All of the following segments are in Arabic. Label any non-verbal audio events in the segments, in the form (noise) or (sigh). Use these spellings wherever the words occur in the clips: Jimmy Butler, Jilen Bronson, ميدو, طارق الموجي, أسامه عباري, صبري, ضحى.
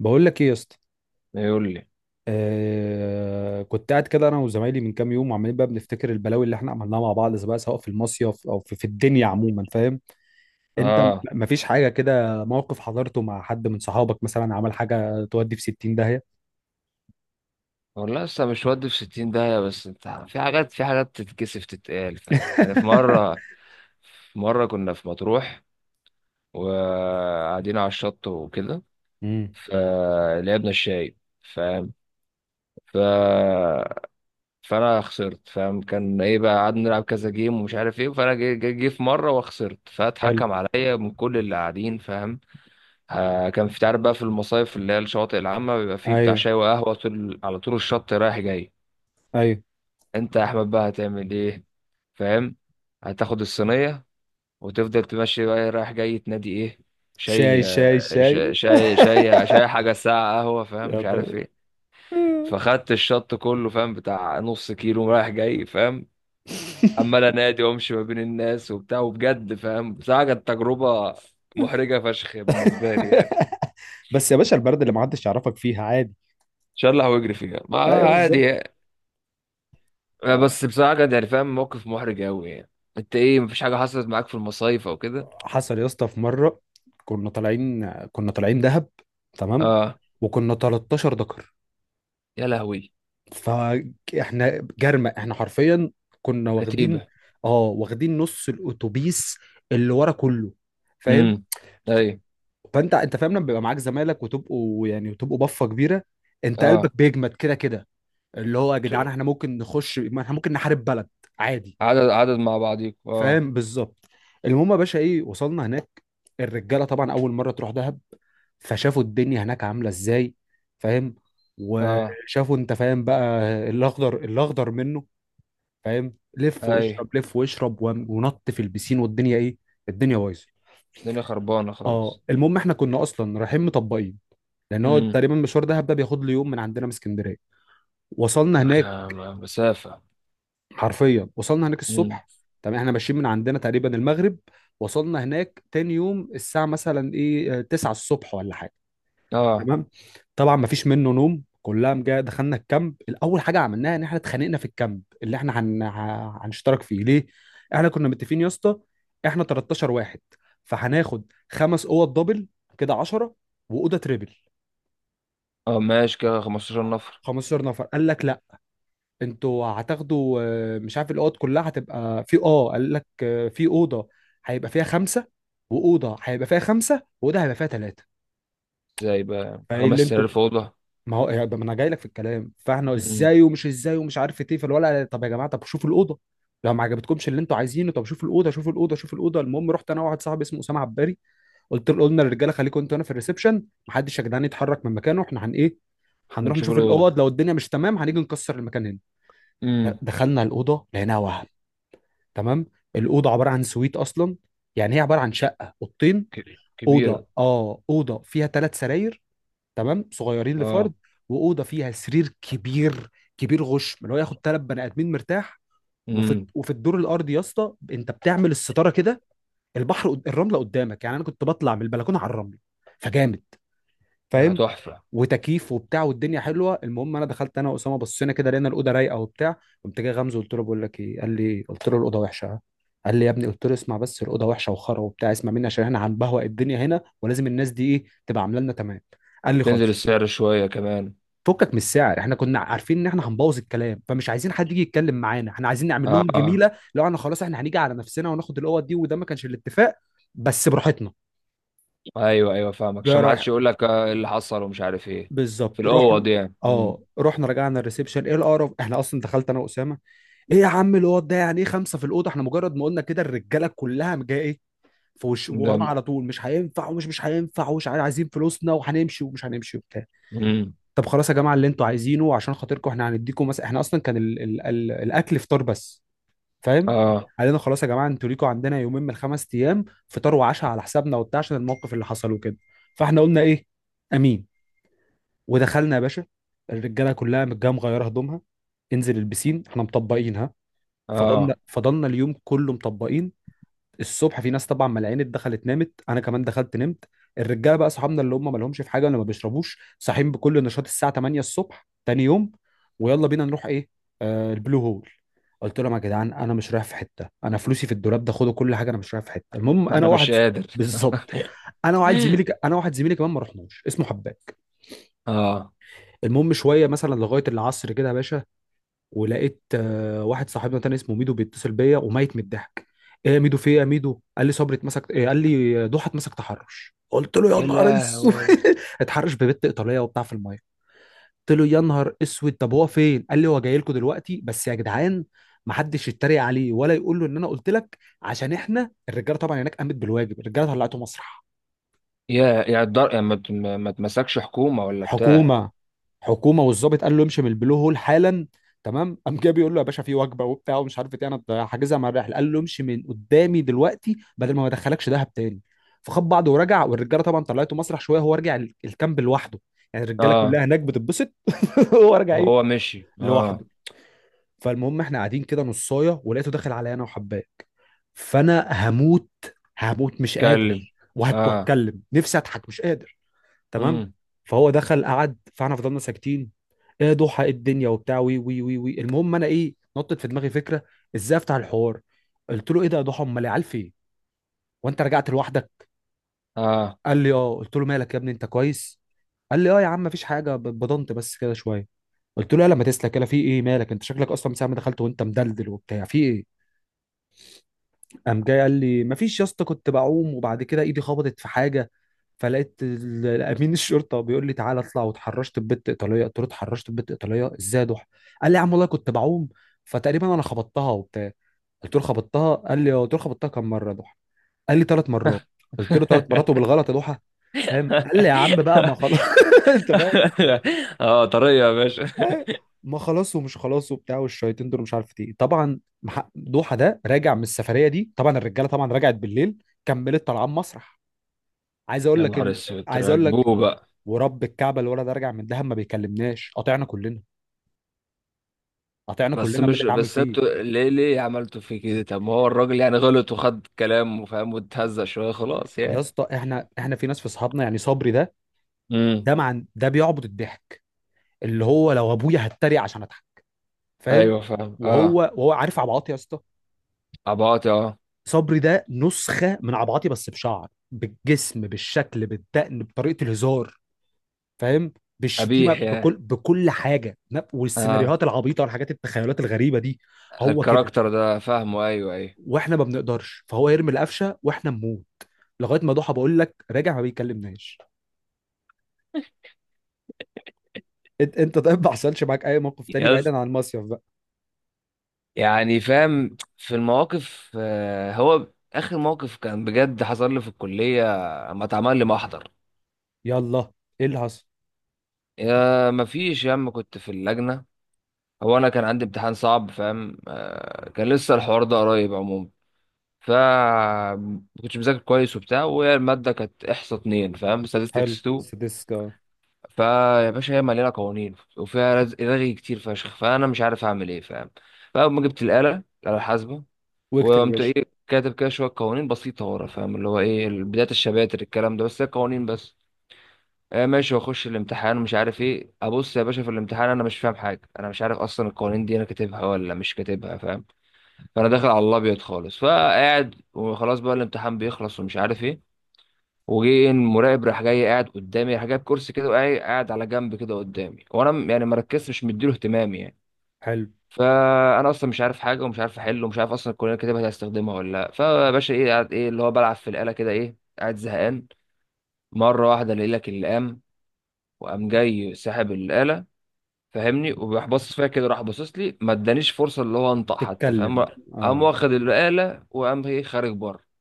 بقول لك ايه يا اسطى؟ يقول لي آه، كنت قاعد كده انا وزمايلي من كام يوم وعمالين بقى بنفتكر البلاوي اللي احنا عملناها مع بعض سواء سواء في المصيف او في الدنيا عموما، فاهم؟ انت اه، مفيش حاجه كده موقف حضرته مع حد من صحابك مثلا عمل حاجه تودي في 60 داهيه؟ والله لسه مش ودي في 60 داهية. بس انت في حاجات تتكسف تتقال، فاهم؟ يعني في (laughs) مرة في مرة كنا في مطروح وقاعدين على الشط وكده، امم. فلعبنا الشاي، فاهم؟ ف فانا خسرت، فاهم؟ كان ايه بقى، قعدنا نلعب كذا جيم ومش عارف ايه، فانا جه في مره وخسرت، حلو. فاتحكم عليا من كل اللي قاعدين، فاهم؟ آه، كان في، تعرف بقى، في المصايف اللي هي الشواطئ العامه بيبقى فيه بتاع ايوه، شاي وقهوه طول على طول الشط رايح جاي. ايوه. انت يا احمد بقى هتعمل ايه؟ فاهم؟ هتاخد الصينيه وتفضل تمشي بقى، إيه، رايح جاي تنادي ايه، شاي شاي شاي شاي. شاي شاي شاي شاي (laughs) حاجه ساعه قهوه، فاهم؟ يا مش عارف ده. ايه. فخدت الشط كله، فاهم، بتاع نص كيلو رايح جاي، فاهم؟ عمال انادي وامشي ما بين الناس وبتاع، وبجد فاهم، بصراحه كانت تجربه محرجه فشخ بالنسبه لي يعني. (laughs) بس يا باشا البلد اللي ما حدش يعرفك فيها عادي. شلح واجري فيها، ما ايوه، عادي بالظبط. يعني. بس بصراحه كانت يعني، فاهم، موقف محرج قوي يعني. انت ايه، مفيش حاجه حصلت معاك في المصايف او كده؟ حصل يا اسطى. في مره كنا طالعين دهب، تمام؟ اه. وكنا 13 ذكر، يا لهوي. فاحنا جرمه احنا حرفيا. كنا واخدين، كتيبة. اه، واخدين نص الاتوبيس اللي ورا كله، فاهم؟ امم. ف- اي. فانت فاهم لما بيبقى معاك زمايلك وتبقوا يعني وتبقوا بفه كبيره، انت اه. قلبك بيجمد كده كده، اللي هو يا جدعان ت- احنا ممكن نخش، ما احنا ممكن نحارب بلد عادي، عدد مع بعضيكوا، اه. فاهم؟ بالظبط. المهم يا باشا، ايه، وصلنا هناك. الرجاله طبعا اول مره تروح دهب، فشافوا الدنيا هناك عامله ازاي، فاهم؟ اه. وشافوا انت فاهم بقى الاخضر الاخضر منه، فاهم؟ لف اي. واشرب، لف واشرب، ونط في البسين والدنيا ايه، الدنيا بايظه. الدنيا خربانة اه خالص. المهم، احنا كنا اصلا رايحين مطبقين، لان هو امم. تقريبا مشوار دهب ده بياخد له يوم من عندنا من اسكندريه. وصلنا هناك، مسافة. حرفيا وصلنا هناك امم. الصبح. تمام، احنا ماشيين من عندنا تقريبا المغرب، وصلنا هناك تاني يوم الساعة مثلا ايه، آه، 9 الصبح ولا حاجة. اه. تمام. طبعا ما فيش منه نوم، كلها مجا. دخلنا الكامب، الاول حاجة عملناها ان احنا اتخانقنا في الكامب اللي احنا هنشترك فيه، ليه؟ احنا كنا متفقين يا اسطى، احنا 13 واحد، فهناخد خمس اوض دبل كده 10، واوضه تريبل، اه ماشي، كده 15 نفر. 15 نفر. قال لك لا، انتوا هتاخدوا، آه، مش عارف الاوض كلها هتبقى في، اه، قال لك آه، في اوضه هيبقى فيها خمسه، واوضه هيبقى فيها خمسه، واوضه هيبقى فيها ثلاثه. ازاي بقى فايه خمس اللي انتوا، سرير في أوضة؟ ما هو ده ما انا جاي لك في الكلام. فاحنا امم. ازاي ومش ازاي ومش عارف ايه، فالولا طب يا جماعه، طب شوفوا الاوضه، لو ما عجبتكمش اللي انتوا عايزينه، طب شوفوا الاوضه، شوفوا الاوضه، شوفوا الاوضه. المهم رحت انا وواحد صاحبي اسمه اسامه عباري، قلت له، قلنا للرجاله خليكم انتوا هنا في الريسبشن، محدش يا جدعان يتحرك من مكانه، احنا هن ايه، هنروح ونشوف نشوف الأوضة. الاوض، لو الدنيا مش تمام هنيجي نكسر المكان هنا. امم. دخلنا الاوضه لقيناها وهم، تمام. الاوضه عباره عن سويت اصلا، يعني هي عباره عن شقه، اوضتين، كبيرة. اوضه، اه، اوضه فيها ثلاث سراير، تمام، صغيرين لفرد، اه. واوضه فيها سرير كبير، كبير غشم اللي هو ياخد ثلاث بني ادمين مرتاح. وفي امم. وفي الدور الارضي يا اسطى، انت بتعمل الستاره كده، البحر الرمله قدامك، يعني انا كنت بطلع من البلكونه على الرمله. فجامد، لا، فاهم؟ تحفة. وتكييف وبتاع، والدنيا حلوه. المهم انا دخلت انا واسامه، بصينا كده لقينا الاوضه رايقه وبتاع. قمت جاي غمزه، قلت له بقول لك ايه، قال لي، قلت له الاوضه وحشه، قال لي يا ابني، قلت له اسمع بس، الاوضه وحشه وخرا وبتاع، اسمع مني عشان احنا هنبهوأ الدنيا هنا ولازم الناس دي ايه تبقى عامله لنا، تمام؟ قال لي تنزل خلاص. السعر شوية كمان. فكك من السعر، احنا كنا عارفين ان احنا هنبوظ الكلام فمش عايزين حد يجي يتكلم معانا، احنا عايزين نعمل اه. لهم اه، جميله، لو احنا خلاص احنا هنيجي على نفسنا وناخد الاوض دي، وده ما كانش الاتفاق. بس براحتنا. ايوه ايوه فاهمك، جاي عشان ما رايح. حدش يقول لك إيه اللي حصل ومش عارف ايه. في بالظبط. الأوض رحنا، يعني. امم. اه، رحنا رجعنا الريسبشن، ايه القرف، احنا اصلا دخلت انا واسامه، ايه يا عم الواد ده يعني ايه خمسه في الاوضه، احنا مجرد ما قلنا كده الرجاله كلها جايه ايه في وش ورانا ده. على طول، مش هينفع، ومش مش هينفع، ومش عارف، عايزين فلوسنا وهنمشي ومش هنمشي وبتاع. امم. طب خلاص يا جماعه اللي انتوا عايزينه، عشان خاطركم احنا هنديكم مثلا، احنا اصلا كان ال الاكل فطار بس، فاهم؟ اه. قال لنا خلاص يا جماعه، انتوا ليكوا عندنا يومين من الخمس ايام فطار وعشاء على حسابنا وبتاع عشان الموقف اللي حصل وكده. فاحنا قلنا ايه، امين، ودخلنا يا باشا. الرجاله كلها متجامعه مغيره هدومها، انزل البسين، احنا مطبقين ها. فضلنا اه. فضلنا اليوم كله مطبقين. الصبح في ناس طبعا ملعينة دخلت نامت، انا كمان دخلت نمت. الرجاله بقى صحابنا اللي هم ما لهمش في حاجه ولا ما بيشربوش صاحيين بكل نشاط الساعه 8 الصبح تاني يوم، ويلا بينا نروح ايه، آه، البلو هول. قلت لهم يا جدعان، انا مش رايح في حته، انا فلوسي في الدولاب ده خدوا كل حاجه، انا مش رايح في حته. المهم انا انا واحد، مش قادر. بالظبط، (laughs) انا واحد زميلي كمان ما رحناش، اسمه حباب. اه. المهم شويه مثلا لغايه العصر كده يا باشا، ولقيت، آه، واحد صاحبنا تاني اسمه ميدو بيتصل بيا وميت من الضحك. ايه يا ميدو، في ايه يا ميدو؟ قال لي صبري اتمسك. إيه؟ قال لي ضحى اتمسك تحرش. قلت له يا يا نهار اسود. لهوي. (laughs) اتحرش ببت ايطاليه وبتاع في الميه. قلت له يا نهار اسود، طب هو فين؟ قال لي هو جاي لكم دلوقتي، بس يا جدعان محدش يتريق عليه ولا يقول له ان انا قلت لك، عشان احنا الرجاله طبعا هناك قامت بالواجب، الرجاله طلعته مسرح. يا يا الدر، يا ما ما تمسكش حكومة ولا بتاع. حكومه، حكومه، والظابط قال له امشي من البلو هول حالا. تمام. قام جه بيقول له يا باشا في وجبه وبتاع ومش عارف ايه انا حاجزها مع الرحله، قال له امشي من قدامي دلوقتي بدل ما ادخلكش دهب تاني. فخد بعضه ورجع، والرجاله طبعا طلعته مسرح شويه، هو رجع الكامب لوحده، يعني الرجاله اه. كلها هناك بتتبسط. (laughs) هو رجع ايه، هو مشي، اه. لوحده. فالمهم احنا قاعدين كده نصايه، ولقيته داخل عليا انا وحباك، فانا هموت، هموت مش قادر، اتكلم. اه. وهتكلم نفسي اضحك مش قادر. تمام. امم. فهو دخل قعد، فاحنا فضلنا ساكتين، ايه ضحى، ايه الدنيا وبتاع، وي وي وي وي. المهم انا ايه، نطت في دماغي فكره ازاي افتح الحوار، قلت له ايه ده يا ضحى، امال العيال فين وانت رجعت لوحدك؟ اه. قال لي اه. قلت له مالك يا ابني، انت كويس؟ قال لي اه يا عم مفيش حاجه، بضنت بس كده شويه. قلت له يلا ما تسلك، يلا في ايه مالك، انت شكلك اصلا من ساعه ما دخلت وانت مدلدل وبتاع، في ايه؟ قام جاي قال لي مفيش يا اسطى، كنت بعوم وبعد كده ايدي خبطت في حاجه، فلقيت الامين الشرطه بيقول لي تعالى اطلع، واتحرشت ببت ايطاليه. قلت له اتحرشت ببت ايطاليه ازاي يا ضحى؟ قال لي يا عم والله كنت بعوم، فتقريبا انا خبطتها وبتاع. قلت له خبطتها؟ قال لي اه. قلت له خبطتها كم مره يا ضحى؟ قال لي ثلاث مرات. (laughs) قلت له ثلاث مرات وبالغلط يا ضحى؟ فاهم، قال لي يا عم بقى ما خلاص. (laughs) انت فاهم؟ اه، طريقة يا باشا. أيوة. ما خلاص ومش خلاص وبتاع، والشياطين دول مش عارف ايه. طبعا دوحه ده راجع من السفريه دي، طبعا الرجاله طبعا رجعت بالليل، كملت طالعه مسرح. عايز اقول يا لك نهار ان اسود، عايز اقول لك، راكبوه بقى. ورب الكعبه الولد ده راجع من دهب ما بيكلمناش، قاطعنا كلنا، قاطعنا بس كلنا، مين اللي مش، اتعامل بس فيه؟ انتوا ليه عملتوا في كده؟ طب ما هو الراجل يعني غلط وخد كلام وفاهم واتهزق شوية، خلاص يا يعني. اسطى، احنا في ناس في اصحابنا، يعني صبري ده، امم. ده مع ده بيعبط الضحك، اللي هو لو ابويا هتريق عشان اضحك، فاهم؟ ايوه فاهم، وهو، اه. وهو عارف عبعاط يا اسطى. عباطي، اه. صبري ده نسخة من عبعاطي، بس بشعر بالجسم بالشكل بالدقن بطريقة الهزار، فاهم؟ بالشتيمة قبيح، يا. بكل حاجة، اه. والسيناريوهات العبيطة والحاجات التخيلات الغريبة دي، هو كده. الكاركتر ده فاهمه، ايوه ايوه. واحنا ما بنقدرش، فهو يرمي القفشة واحنا نموت. لغاية ما ضحى بقول لك راجع ما بيكلمناش. انت طيب، ما حصلش معاك اي موقف تاني يز بعيدا عن المصيف بقى؟ يعني فاهم، في المواقف هو اخر موقف كان بجد حصل لي في الكليه، اما اتعمل لي محضر. يلا، ايه اللي حصل؟ يا ما فيش يا عم، كنت في اللجنه. هو انا كان عندي امتحان صعب، فاهم، كان لسه الحوار ده قريب عموما. ف ما كنتش مذاكر كويس وبتاع، وهي الماده كانت احصاء اتنين، فاهم، حلو statistics 2. سديسكا. فيا باشا هي مليانه قوانين وفيها رغي كتير فشخ، فانا مش عارف اعمل ايه، فاهم؟ فاول ما جبت الاله، الحاسبه واكتب يا وقمت باشا. ايه، كاتب كده شويه قوانين بسيطه ورا، فاهم، اللي هو ايه، بدايه الشباتر الكلام ده، بس هي قوانين بس. آه ماشي، واخش الامتحان ومش عارف ايه. ابص يا باشا في الامتحان، انا مش فاهم حاجه، انا مش عارف اصلا القوانين دي انا كاتبها ولا مش كاتبها، فاهم؟ فانا داخل على الابيض خالص، فقاعد، وخلاص بقى الامتحان بيخلص ومش عارف ايه. وجه المراقب راح جاي قاعد قدامي، راح جايب كرسي كده وقاعد، قاعد على جنب كده قدامي، وانا يعني مركزتش، مش مديله اهتمام يعني. حلو. فانا اصلا مش عارف حاجه، ومش عارف احله، ومش عارف اصلا الكليه كاتبها دي هستخدمها ولا لا. فباشا ايه قاعد، ايه اللي هو بلعب في الاله كده، ايه، قاعد زهقان. مره واحده الاقي لك اللي قام، وقام جاي ساحب الاله، فاهمني، وراح باصص فيها كده، راح باصص لي، ما ادانيش فرصه اللي هو انطق حتى، تتكلم. فاهم؟ قام اه. واخد الاله، وقام ايه، خارج بره.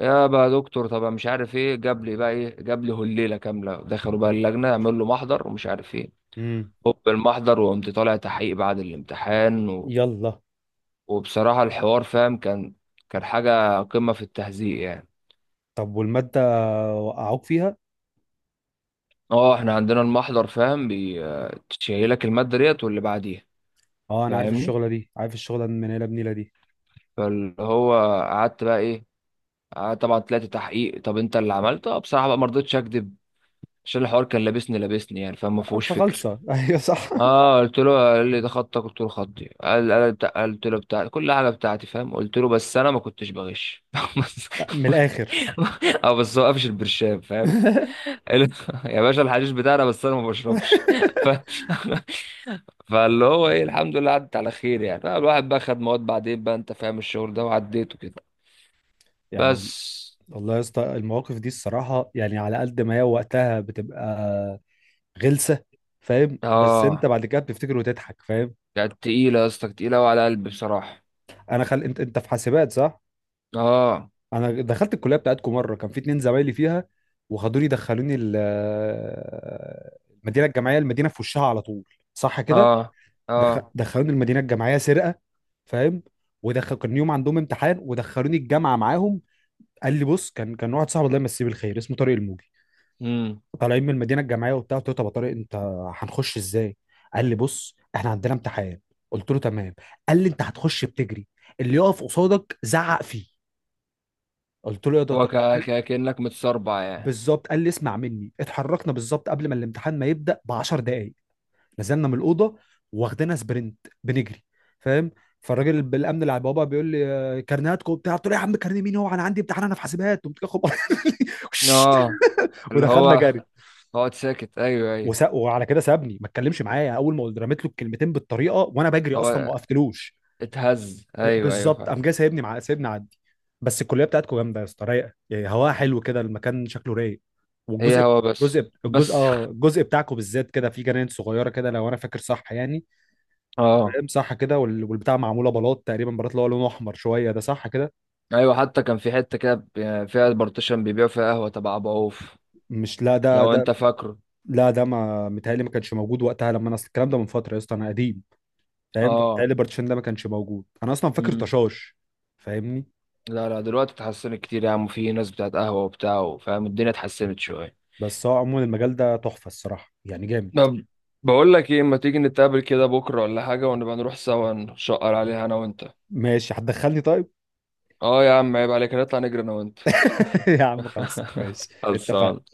يا بقى دكتور، طب مش عارف ايه، جاب لي بقى ايه، جاب لي هليله كامله، دخلوا بقى اللجنه، عمل له محضر ومش عارف ايه. امم. هوب المحضر، وقمت طالع تحقيق بعد الامتحان. و... يلا. وبصراحه الحوار فاهم، كان كان حاجه قمه في التهزيق يعني. طب والمادة، وقعوك فيها؟ اه احنا عندنا المحضر، فاهم، بيشيلك الماده ديت واللي بعديها. اه انا عارف فاهمني. الشغلة دي، عارف الشغلة من هنا لبنيلة دي. فاللي هو قعدت بقى ايه، قعدت طبعا، طلعت تحقيق. طب انت اللي عملته؟ بصراحه بقى ما رضيتش اكذب، عشان الحوار كان لابسني لابسني يعني، فما آه، فيهوش فكر. فخلصة. (laughs) ايوه صح. اه، قلت له، قال لي ده خطك، قلت له خطي، قال قلت له بتاع كل حاجه بتاعتي، فاهم، قلت له بس انا ما كنتش بغش. (laughs) بس- (laughs) من الاخر. اه، بس هو قافش البرشام، فاهم. (laughs) قال له (laughs) يا باشا، الحشيش بتاعنا بس انا ما بشربش. (laughs) ف... فاللي هو ايه، الحمد لله عدت على خير يعني. فالواحد بقى خد مواد بعدين بقى، انت فاهم الشغل ده، وعديته كده يعني. بس. والله يا اسطى المواقف دي الصراحة يعني على قد ما هي وقتها بتبقى غلسة، فاهم، بس انت اه، بعد كده بتفتكر وتضحك، فاهم؟ كانت تقيله يا اسطى، كانت تقيله وعلى قلبي بصراحه. انت في حاسبات صح؟ اه. انا دخلت الكلية بتاعتكم مرة، كان في اتنين زمايلي فيها، وخدوني دخلوني المدينة الجامعية، المدينة في وشها على طول، صح كده؟ اه. اه. دخلوني المدينه الجامعيه سرقه، فاهم؟ ودخل كان يوم عندهم امتحان ودخلوني الجامعه معاهم. قال لي بص، كان واحد صاحبي الله يمسيه بالخير اسمه طارق الموجي، امم. طالعين من المدينه الجامعيه وبتاع، قلت له طب يا طارق انت هنخش ازاي؟ قال لي بص احنا عندنا امتحان، قلت له تمام. قال لي انت هتخش بتجري، اللي يقف قصادك زعق فيه. قلت له يا ده هو طارق، كأنك متسربع يعني. بالظبط. قال لي اسمع مني، اتحركنا بالظبط قبل ما الامتحان ما يبدا ب 10 دقائق، نزلنا من الاوضه واخدنا سبرنت، بنجري، فاهم؟ فالراجل بالامن اللي على البوابه بيقول لي آه، كارنيهاتكم وبتاع، قلت له يا عم كارنيه مين، هو انا عندي امتحان، انا في حاسبات وبتاع، اه، (laughs) (applause) اللي ودخلنا هو جري. اقعد ساكت، ايوه ايوه. وعلى كده سابني ما اتكلمش معايا، اول ما قلت رميت له الكلمتين بالطريقه وانا بجري اصلا ما هو وقفتلوش، اتهز، آه، ايوه ايوه بالظبط. فعلا. قام جاي سايبني، مع سايبني عدي. بس الكليه بتاعتكم جامده يا اسطى، رايقه يعني، هواها حلو كده، المكان شكله رايق. هي والجزء هو بس الجزء الجزء بس. اه الجزء بتاعكم بالذات كده، في جنان صغيره كده، لو انا فاكر صح يعني، (laughs) اه، مساحه كده، والبتاع معموله بلاط تقريبا، بلاط اللي هو لونه احمر شويه ده، صح كده؟ ايوه حتى كان في حته كده فيها بارتيشن بيبيعوا فيها قهوه تبع ابو عوف، مش لا ده لو ده انت فاكره. لا ده ما متهيألي ما كانش موجود وقتها، لما انا اصل الكلام ده من فتره يا اسطى، انا قديم، فاهم؟ اه. فمتهيألي البارتيشن ده ما كانش موجود، انا اصلا فاكر امم. طشاش، فاهمني؟ لا لا، دلوقتي اتحسنت كتير يا عم، في ناس بتاعت قهوه وبتاع، فاهم، الدنيا اتحسنت شويه. بس هو عموما المجال ده تحفه الصراحه يعني، جامد. طب بقول لك ايه، اما تيجي نتقابل كده بكره ولا حاجه، ونبقى نروح سوا نشقر عليها انا وانت. ماشي، هتدخلني طيب؟ اه يا عم عيب عليك، نطلع نجري انا وانت. (laughs) يا عم خلص، ماشي خلصان. اتفقنا.